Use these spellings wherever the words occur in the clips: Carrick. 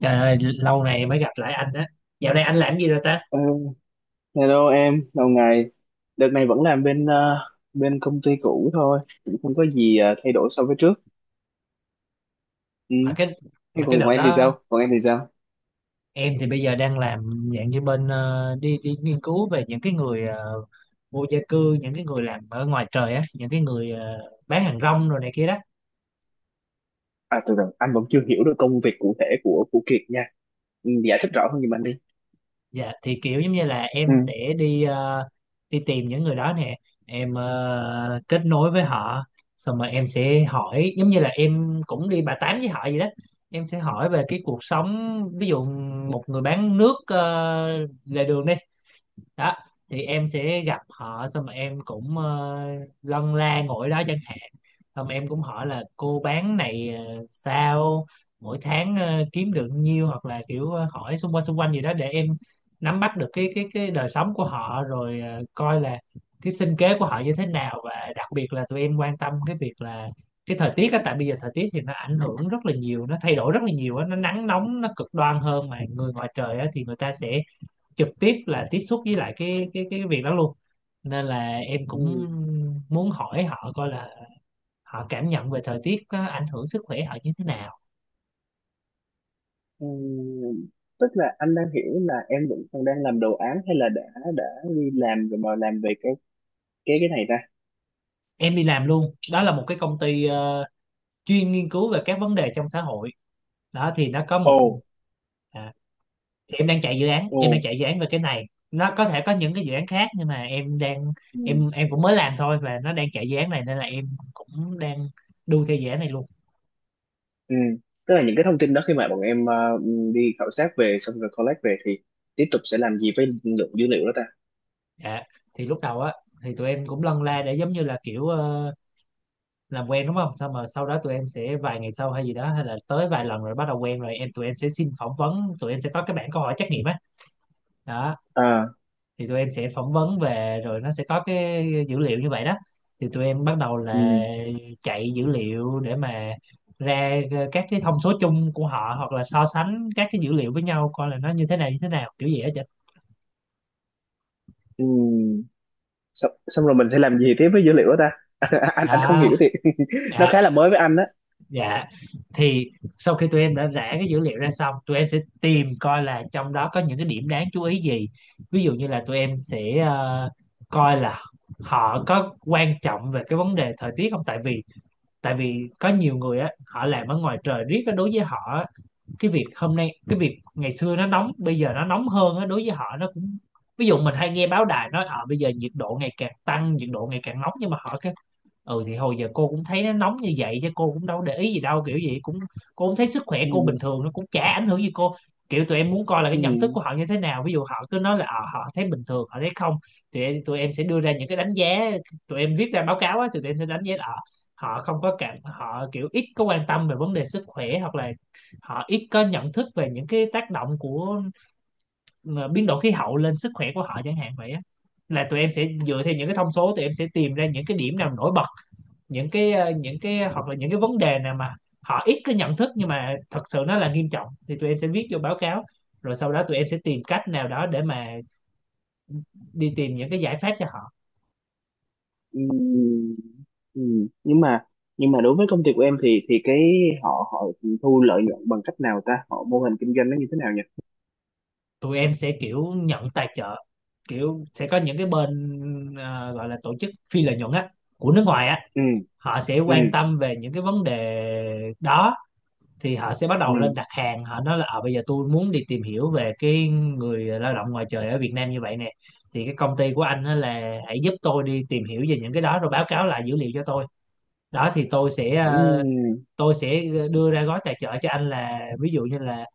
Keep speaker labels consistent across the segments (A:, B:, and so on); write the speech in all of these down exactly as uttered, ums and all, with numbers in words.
A: Trời ơi, lâu này mới gặp lại anh á. Dạo này anh làm gì rồi ta?
B: Ờ, hello em, lâu ngày. Đợt này vẫn làm bên ờ, bên công ty cũ thôi, cũng không có gì ờ, thay đổi so với trước. Ừ.
A: Mà cái
B: Thế
A: mà
B: còn
A: cái
B: của
A: đợt
B: em thì
A: đó
B: sao? Còn em thì sao?
A: em thì bây giờ đang làm dạng như bên ờ, đi đi nghiên cứu về những cái người ờ, vô gia cư, những cái người làm ở ngoài trời á, những cái người ờ, bán hàng rong rồi này kia đó.
B: À, từ từ, anh vẫn chưa hiểu được công việc cụ thể của của Kiệt nha. Ừ, giải thích rõ hơn giùm anh đi.
A: Dạ thì kiểu giống như là em
B: Ừ.
A: sẽ đi ờ, đi tìm những người đó nè, em ờ, kết nối với họ, xong rồi em sẽ hỏi giống như là em cũng đi bà tám với họ vậy đó. Em sẽ hỏi về cái cuộc sống, ví dụ một người bán nước ờ, lề đường đi đó thì em sẽ gặp họ, xong rồi em cũng ờ, lân la ngồi đó chẳng hạn, xong em cũng hỏi là cô bán này ờ, sao mỗi tháng ờ, kiếm được nhiêu, hoặc là kiểu ờ, hỏi xung quanh xung quanh gì đó để em nắm bắt được cái cái cái đời sống của họ, rồi ờ, coi là cái sinh kế của họ như thế nào. Và đặc biệt là tụi em quan tâm cái việc là cái thời tiết á, tại bây giờ thời tiết thì nó ảnh hưởng rất là nhiều, nó thay đổi rất là nhiều á, nó nắng nóng, nó cực đoan hơn. Mà người ngoài trời á thì người ta sẽ trực tiếp là tiếp xúc với lại cái cái cái việc đó luôn, nên là em
B: Ừ.
A: cũng muốn hỏi họ coi là họ cảm nhận về thời tiết có ảnh hưởng sức khỏe họ như thế nào.
B: Ừ. Tức là anh đang hiểu là em vẫn còn đang làm đồ án hay là đã đã đi làm rồi mà làm về cái cái cái này ta?
A: Em đi làm luôn, đó là một cái công ty ờ, chuyên nghiên cứu về các vấn đề trong xã hội. Đó thì nó có
B: Ồ,
A: một à, thì em đang chạy dự án, em đang
B: ồ.
A: chạy dự án về cái này. Nó có thể có những cái dự án khác, nhưng mà em đang em em cũng mới làm thôi, và nó đang chạy dự án này nên là em cũng đang đu theo dự án này luôn.
B: Ừ. Tức là những cái thông tin đó khi mà bọn em ờ, đi khảo sát về xong rồi collect về thì tiếp tục sẽ làm gì với lượng dữ liệu đó ta?
A: Dạ, thì lúc đầu á thì tụi em cũng lân la để giống như là kiểu ờ, làm quen, đúng không? Xong mà sau đó tụi em sẽ vài ngày sau hay gì đó, hay là tới vài lần rồi bắt đầu quen, rồi em tụi em sẽ xin phỏng vấn, tụi em sẽ có cái bảng câu hỏi trắc nghiệm á. Đó,
B: À,
A: thì tụi em sẽ phỏng vấn về, rồi nó sẽ có cái dữ liệu như vậy đó. Thì tụi em bắt đầu
B: ừ,
A: là chạy dữ liệu để mà ra ờ, các cái thông số chung của họ, hoặc là so sánh các cái dữ liệu với nhau coi là nó như thế nào như thế nào, kiểu gì hết vậy.
B: ừ. Xong, xong rồi mình sẽ làm gì tiếp với dữ liệu đó ta? anh anh không
A: Đó,
B: hiểu thì nó
A: dạ.
B: khá là mới với anh á.
A: Dạ, thì sau khi tụi em đã rã cái dữ liệu ra xong, tụi em sẽ tìm coi là trong đó có những cái điểm đáng chú ý gì. Ví dụ như là tụi em sẽ ờ, coi là họ có quan trọng về cái vấn đề thời tiết không. Tại vì tại vì có nhiều người á, họ làm ở ngoài trời riết á, đối với họ á, cái việc hôm nay, cái việc ngày xưa nó nóng, bây giờ nó nóng hơn á, đối với họ nó cũng, ví dụ mình hay nghe báo đài nói ờ bây giờ nhiệt độ ngày càng tăng, nhiệt độ ngày càng nóng, nhưng mà họ, ừ thì hồi giờ cô cũng thấy nó nóng như vậy chứ, cô cũng đâu để ý gì đâu, kiểu gì cũng, cô cũng thấy sức khỏe cô bình
B: Ừ,
A: thường, nó cũng chả ảnh hưởng gì cô. Kiểu tụi em muốn coi là cái
B: ừ,
A: nhận thức của họ như thế nào, ví dụ họ cứ nói là ờ, họ thấy bình thường, họ thấy không, tụi em, tụi em sẽ đưa ra những cái đánh giá, tụi em viết ra báo cáo á, tụi em sẽ đánh giá là ờ, họ không có cảm, họ kiểu ít có quan tâm về vấn đề sức khỏe, hoặc là họ ít có nhận thức về những cái tác động của ờ, biến đổi khí hậu lên sức khỏe của họ chẳng hạn vậy á. Là tụi em sẽ dựa theo những cái thông số, tụi em sẽ tìm ra những cái điểm nào nổi bật, những cái ờ, những cái hoặc là những cái vấn đề nào mà họ ít có nhận thức nhưng mà thật sự nó là nghiêm trọng, thì tụi em sẽ viết vô báo cáo, rồi sau đó tụi em sẽ tìm cách nào đó để mà đi tìm những cái giải pháp cho họ.
B: ừ, ừ. Nhưng mà nhưng mà đối với công ty của em thì thì cái họ họ thu lợi nhuận bằng cách nào ta? Họ mô hình kinh doanh nó như thế nào nhỉ?
A: Tụi em sẽ kiểu nhận tài trợ, kiểu sẽ có những cái bên ờ, gọi là tổ chức phi lợi nhuận á, của nước ngoài á.
B: Ừ,
A: Họ sẽ
B: ừ,
A: quan tâm về những cái vấn đề đó, thì họ sẽ bắt
B: ừ,
A: đầu lên đặt hàng, họ nói là ờ bây giờ tôi muốn đi tìm hiểu về cái người lao động ngoài trời ở Việt Nam như vậy nè, thì cái công ty của anh á là hãy giúp tôi đi tìm hiểu về những cái đó, rồi báo cáo lại dữ liệu cho tôi. Đó thì tôi sẽ
B: ừ,
A: ờ, tôi sẽ ờ, đưa ra gói tài trợ cho anh, là ví dụ như là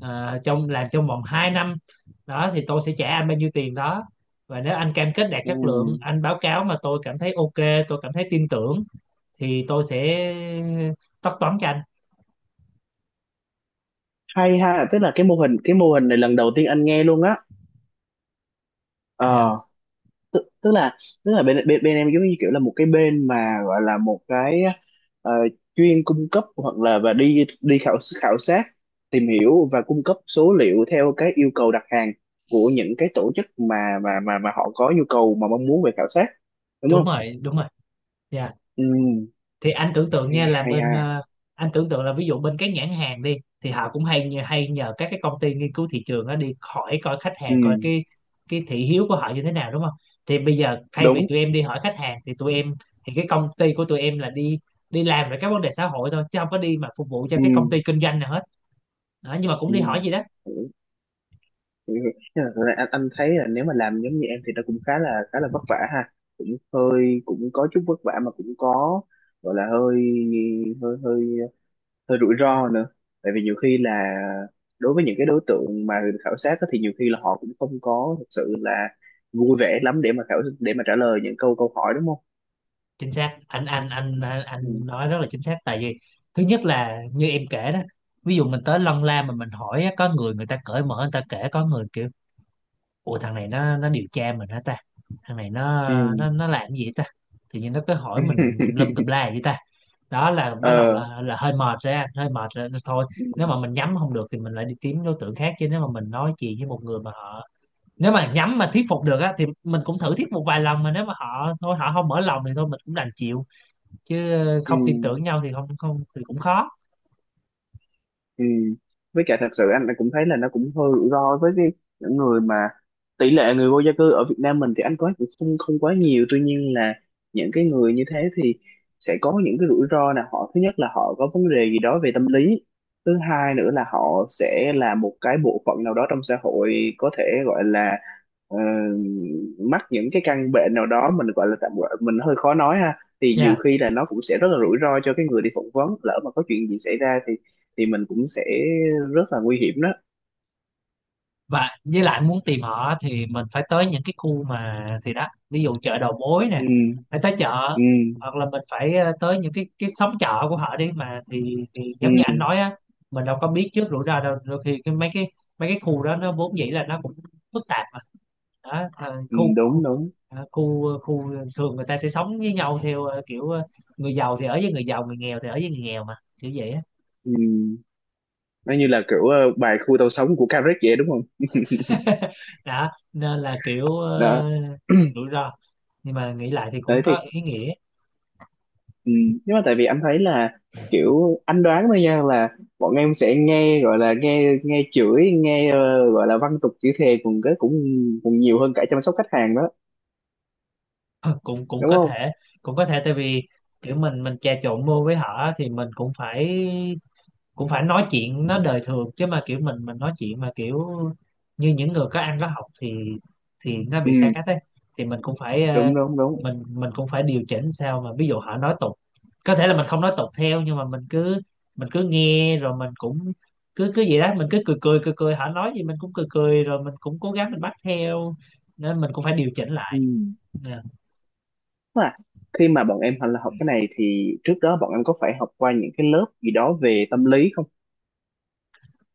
A: ờ, trong làm trong vòng hai năm đó thì tôi sẽ trả anh bao nhiêu tiền đó, và nếu anh cam kết đạt
B: ừ.
A: chất lượng, anh báo cáo mà tôi cảm thấy ok, tôi cảm thấy tin tưởng thì tôi sẽ ờ, tất toán cho anh.
B: Hay ha, tức là cái mô hình cái mô hình này lần đầu tiên anh nghe luôn á.
A: Dạ
B: Ờ tức, tức là tức là bên, bên bên em giống như kiểu là một cái bên mà gọi là một cái ờ, chuyên cung cấp hoặc là và đi đi khảo khảo sát tìm hiểu và cung cấp số liệu theo cái yêu cầu đặt hàng của những cái tổ chức mà mà mà mà họ có nhu cầu mà mong muốn về khảo sát, đúng
A: đúng
B: không?
A: rồi, đúng rồi. Dạ,
B: Ừ,
A: thì anh tưởng tượng nha,
B: hay,
A: là
B: hay
A: bên
B: ha.
A: ờ, anh tưởng tượng là ví dụ bên các nhãn hàng đi, thì họ cũng hay nhờ- hay nhờ các cái công ty nghiên cứu thị trường đó đi hỏi coi khách
B: Ừ,
A: hàng, coi cái cái thị hiếu của họ như thế nào, đúng không. Thì bây giờ thay vì
B: đúng.
A: tụi em đi hỏi khách hàng thì tụi em, thì cái công ty của tụi em là đi đi làm về các vấn đề xã hội thôi, chứ không có đi mà phục vụ cho
B: Ừ,
A: cái công ty kinh doanh nào hết. Đó, nhưng mà cũng đi hỏi gì đó.
B: ừ. Ừ. Nhưng mà thật ra anh, anh thấy là nếu mà làm giống như em thì nó cũng khá là khá là vất vả ha, cũng hơi cũng có chút vất vả mà cũng có gọi là hơi hơi hơi hơi rủi ro nữa, tại vì nhiều khi là đối với những cái đối tượng mà khảo sát á thì nhiều khi là họ cũng không có thật sự là vui vẻ lắm để mà khảo để mà trả lời những câu câu hỏi, đúng không?
A: Chính xác anh anh anh anh
B: Ừ.
A: anh nói rất là chính xác. Tại vì thứ nhất là như em kể đó, ví dụ mình tới lân la mà mình hỏi á, có người người ta cởi mở người ta kể, có người kiểu, ủa thằng này nó nó điều tra mình hả ta, thằng này nó
B: Ừ.
A: nó nó làm cái gì ta, tự nhiên nó cứ hỏi mình tùm lum tùm la vậy ta. Đó là bắt đầu
B: ờ,
A: là là hơi mệt ra, hơi mệt rồi thôi.
B: ừ.
A: Nếu mà mình nhắm không được thì mình lại đi kiếm đối tượng khác, chứ nếu mà mình nói chuyện với một người mà họ, nếu mà nhắm mà thuyết phục được á thì mình cũng thử thuyết một vài lần, mà nếu mà họ thôi họ không mở lòng thì thôi mình cũng đành chịu, chứ
B: Ừ.
A: không tin tưởng nhau thì không, không thì cũng khó.
B: Ừ. Với cả thật sự anh cũng thấy là nó cũng hơi rủi ro với cái những người mà, tỷ lệ người vô gia cư ở Việt Nam mình thì anh có cũng không không quá nhiều, tuy nhiên là những cái người như thế thì sẽ có những cái rủi ro là họ, thứ nhất là họ có vấn đề gì đó về tâm lý, thứ hai nữa là họ sẽ là một cái bộ phận nào đó trong xã hội có thể gọi là ờ, mắc những cái căn bệnh nào đó, mình gọi là tạm gọi mình hơi khó nói ha, thì nhiều
A: Dạ,
B: khi là nó cũng sẽ rất là rủi ro cho cái người đi phỏng vấn, lỡ mà có chuyện gì xảy ra thì thì mình cũng sẽ rất là nguy hiểm đó.
A: và với lại muốn tìm họ thì mình phải tới những cái khu mà, thì đó, ví dụ chợ đầu mối
B: Ừ.
A: nè, phải tới chợ,
B: Ừ.
A: hoặc là mình phải ờ, tới những cái cái xóm chợ của họ đi. Mà thì thì
B: Ừ,
A: giống như anh nói á, mình đâu có biết trước rủi ro đâu. Đôi khi cái mấy cái mấy cái khu đó nó vốn dĩ là nó cũng phức tạp mà. Đó à,
B: ừ,
A: khu khu
B: đúng đúng.
A: à, khu khu thường người ta sẽ sống với nhau theo ờ, kiểu ờ, người giàu thì ở với người giàu, người nghèo thì ở với người nghèo mà, kiểu vậy á.
B: Ừ. Nó như là kiểu ờ, bài khu tàu sống của Carrick vậy, đúng không?
A: Đó nên là kiểu
B: Đó.
A: ờ, rủi ro, nhưng mà nghĩ lại thì cũng
B: Đấy
A: có
B: thì,
A: ý nghĩa.
B: ừ, nhưng mà tại vì anh thấy là kiểu anh đoán thôi nha, là bọn em sẽ nghe gọi là nghe nghe chửi nghe ờ, gọi là văn tục chửi thề cùng cái cũng cũng nhiều hơn cả chăm sóc khách hàng đó,
A: cũng cũng
B: đúng
A: có
B: không?
A: thể cũng có thể tại vì kiểu mình mình trà trộn vô với họ á, thì mình cũng phải cũng phải nói chuyện nó đời thường, chứ mà kiểu mình mình nói chuyện mà kiểu như những người có ăn có học thì thì nó
B: Ừ,
A: bị xa cách ấy. Thì mình cũng phải ờ,
B: đúng đúng đúng.
A: mình mình cũng phải điều chỉnh sao, mà ví dụ họ nói tục có thể là mình không nói tục theo, nhưng mà mình cứ mình cứ nghe, rồi mình cũng cứ cứ vậy đó. Mình cứ cười cười cười cười, họ nói gì mình cũng cười cười, rồi mình cũng cố gắng mình bắt theo, nên mình cũng phải điều chỉnh
B: Ừ,
A: lại. Nè.
B: à, khi mà bọn em học là học cái này thì trước đó bọn em có phải học qua những cái lớp gì đó về tâm lý không?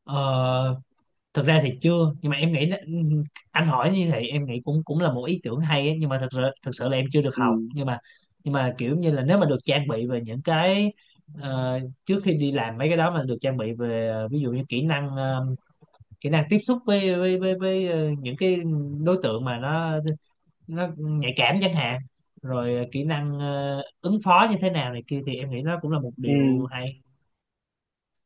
A: Ờ, Thực ra thì chưa, nhưng mà em nghĩ là, ừ, anh hỏi như vậy em nghĩ cũng cũng là một ý tưởng hay ấy, nhưng mà thật sự thật sự là em chưa được
B: Ừ.
A: học, nhưng mà nhưng mà kiểu như là nếu mà được trang bị về những cái ờ, trước khi đi làm mấy cái đó mà được trang bị về ờ, ví dụ như kỹ năng ờ, kỹ năng tiếp xúc với với với, với ờ, những cái đối tượng mà nó nó nhạy cảm chẳng hạn, rồi kỹ năng ờ, ứng phó như thế nào này kia, thì em nghĩ nó cũng là một
B: Ừ.
A: điều hay.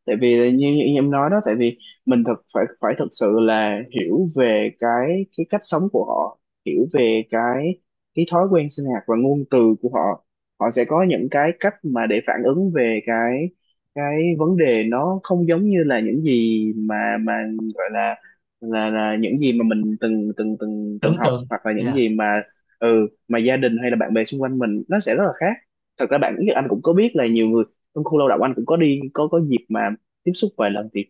B: Tại vì là như, như em nói đó, tại vì mình thật phải phải thật sự là hiểu về cái cái cách sống của họ, hiểu về cái cái thói quen sinh hoạt và ngôn từ của họ, họ sẽ có những cái cách mà để phản ứng về cái cái vấn đề, nó không giống như là những gì mà mà gọi là là là những gì mà mình từng từng từng từng
A: Tưởng
B: học,
A: tượng.
B: hoặc là những
A: Dạ,
B: gì mà, ừ, mà gia đình hay là bạn bè xung quanh mình, nó sẽ rất là khác. Thật ra bạn biết anh cũng có biết là nhiều người trong khu lao động anh cũng có đi có có dịp mà tiếp xúc vài lần thì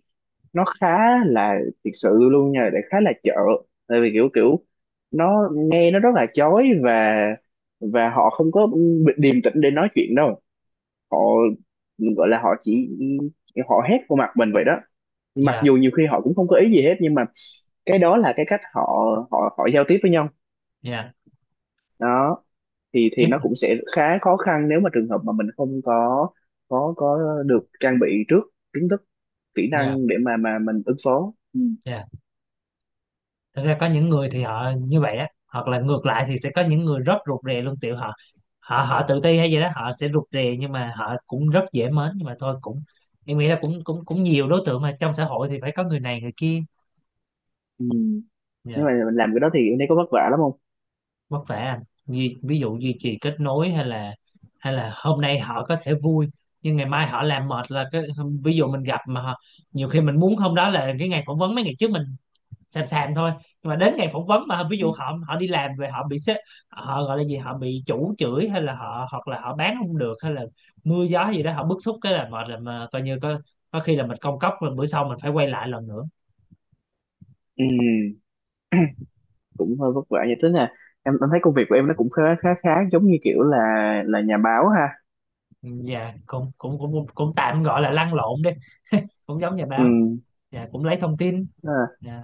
B: nó khá là thiệt sự luôn nha, để khá là chợ, tại vì kiểu kiểu nó nghe nó rất là chói và và họ không có điềm tĩnh để nói chuyện đâu, họ gọi là họ chỉ họ hét vô mặt mình vậy đó, mặc
A: dạ,
B: dù nhiều khi họ cũng không có ý gì hết nhưng mà cái đó là cái cách họ họ họ giao tiếp với nhau
A: dạ
B: đó, thì thì nó
A: em,
B: cũng sẽ khá khó khăn nếu mà trường hợp mà mình không có có có được trang bị trước kiến thức kỹ
A: dạ,
B: năng để mà mà mình ứng phó. Ừ.
A: dạ. Thực ra có những người thì họ như vậy á, hoặc là ngược lại thì sẽ có những người rất rụt rè luôn, tiểu họ, họ họ tự ti hay gì đó họ sẽ rụt rè, nhưng mà họ cũng rất dễ mến, nhưng mà thôi cũng em nghĩ là cũng cũng cũng nhiều đối tượng mà trong xã hội thì phải có người này người kia.
B: Ừ. Nhưng
A: Yeah.
B: mà mình làm cái đó thì em thấy có vất vả lắm không?
A: Vất vả anh, ví, ví dụ duy trì kết nối, hay là hay là hôm nay họ có thể vui, nhưng ngày mai họ làm mệt là cái, ví dụ mình gặp mà họ, nhiều khi mình muốn hôm đó là cái ngày phỏng vấn, mấy ngày trước mình xàm xàm thôi, nhưng mà đến ngày phỏng vấn mà ví
B: Ừ.
A: dụ họ họ đi làm về họ bị sếp, họ gọi là gì, họ bị chủ chửi, hay là họ, hoặc là họ bán không được, hay là mưa gió gì đó họ bức xúc cái là mệt, là mà coi như có có khi là mình công cốc rồi, bữa sau mình phải quay lại lần nữa.
B: Ừ. Cũng hơi vất vả vậy, tức là em em thấy công việc của em nó cũng khá khá khá giống như kiểu là là nhà báo ha.
A: Ừ, dạ cũng cũng cũng cũng tạm gọi là lăn lộn đi, cũng giống nhà
B: Ừ,
A: báo. Dạ cũng lấy thông tin.
B: à,
A: Dạ,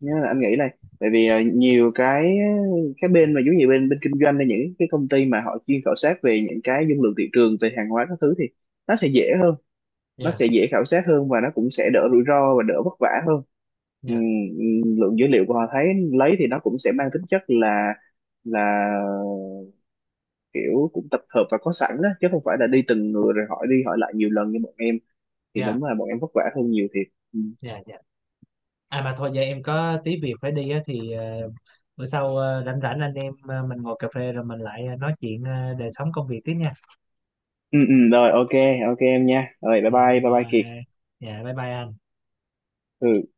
B: nhưng mà anh nghĩ này, tại vì ờ, nhiều cái cái bên mà giống như bên bên kinh doanh hay những cái công ty mà họ chuyên khảo sát về những cái dung lượng thị trường về hàng hóa các thứ thì nó sẽ dễ hơn, nó
A: dạ,
B: sẽ dễ khảo sát hơn và nó cũng sẽ đỡ rủi ro và đỡ vất vả hơn. Ừm,
A: dạ,
B: ừm, lượng dữ liệu của họ thấy lấy thì nó cũng sẽ mang tính chất là là kiểu cũng tập hợp và có sẵn đó, chứ không phải là đi từng người rồi hỏi đi hỏi lại nhiều lần như bọn em thì
A: dạ,
B: đúng là bọn em vất vả hơn nhiều thiệt. Ừ.
A: dạ, dạ. À mà thôi giờ em có tí việc phải đi á, thì ờ, bữa sau ờ, rảnh rảnh anh em ờ, mình ngồi cà phê rồi mình lại ờ, nói chuyện ờ, đời sống công việc tiếp nha.
B: Ừ, ừ, rồi ok, ok em nha, rồi bye
A: Dạ
B: bye bye bye
A: rồi.
B: Kiệt.
A: Dạ bye bye anh.
B: Ừ.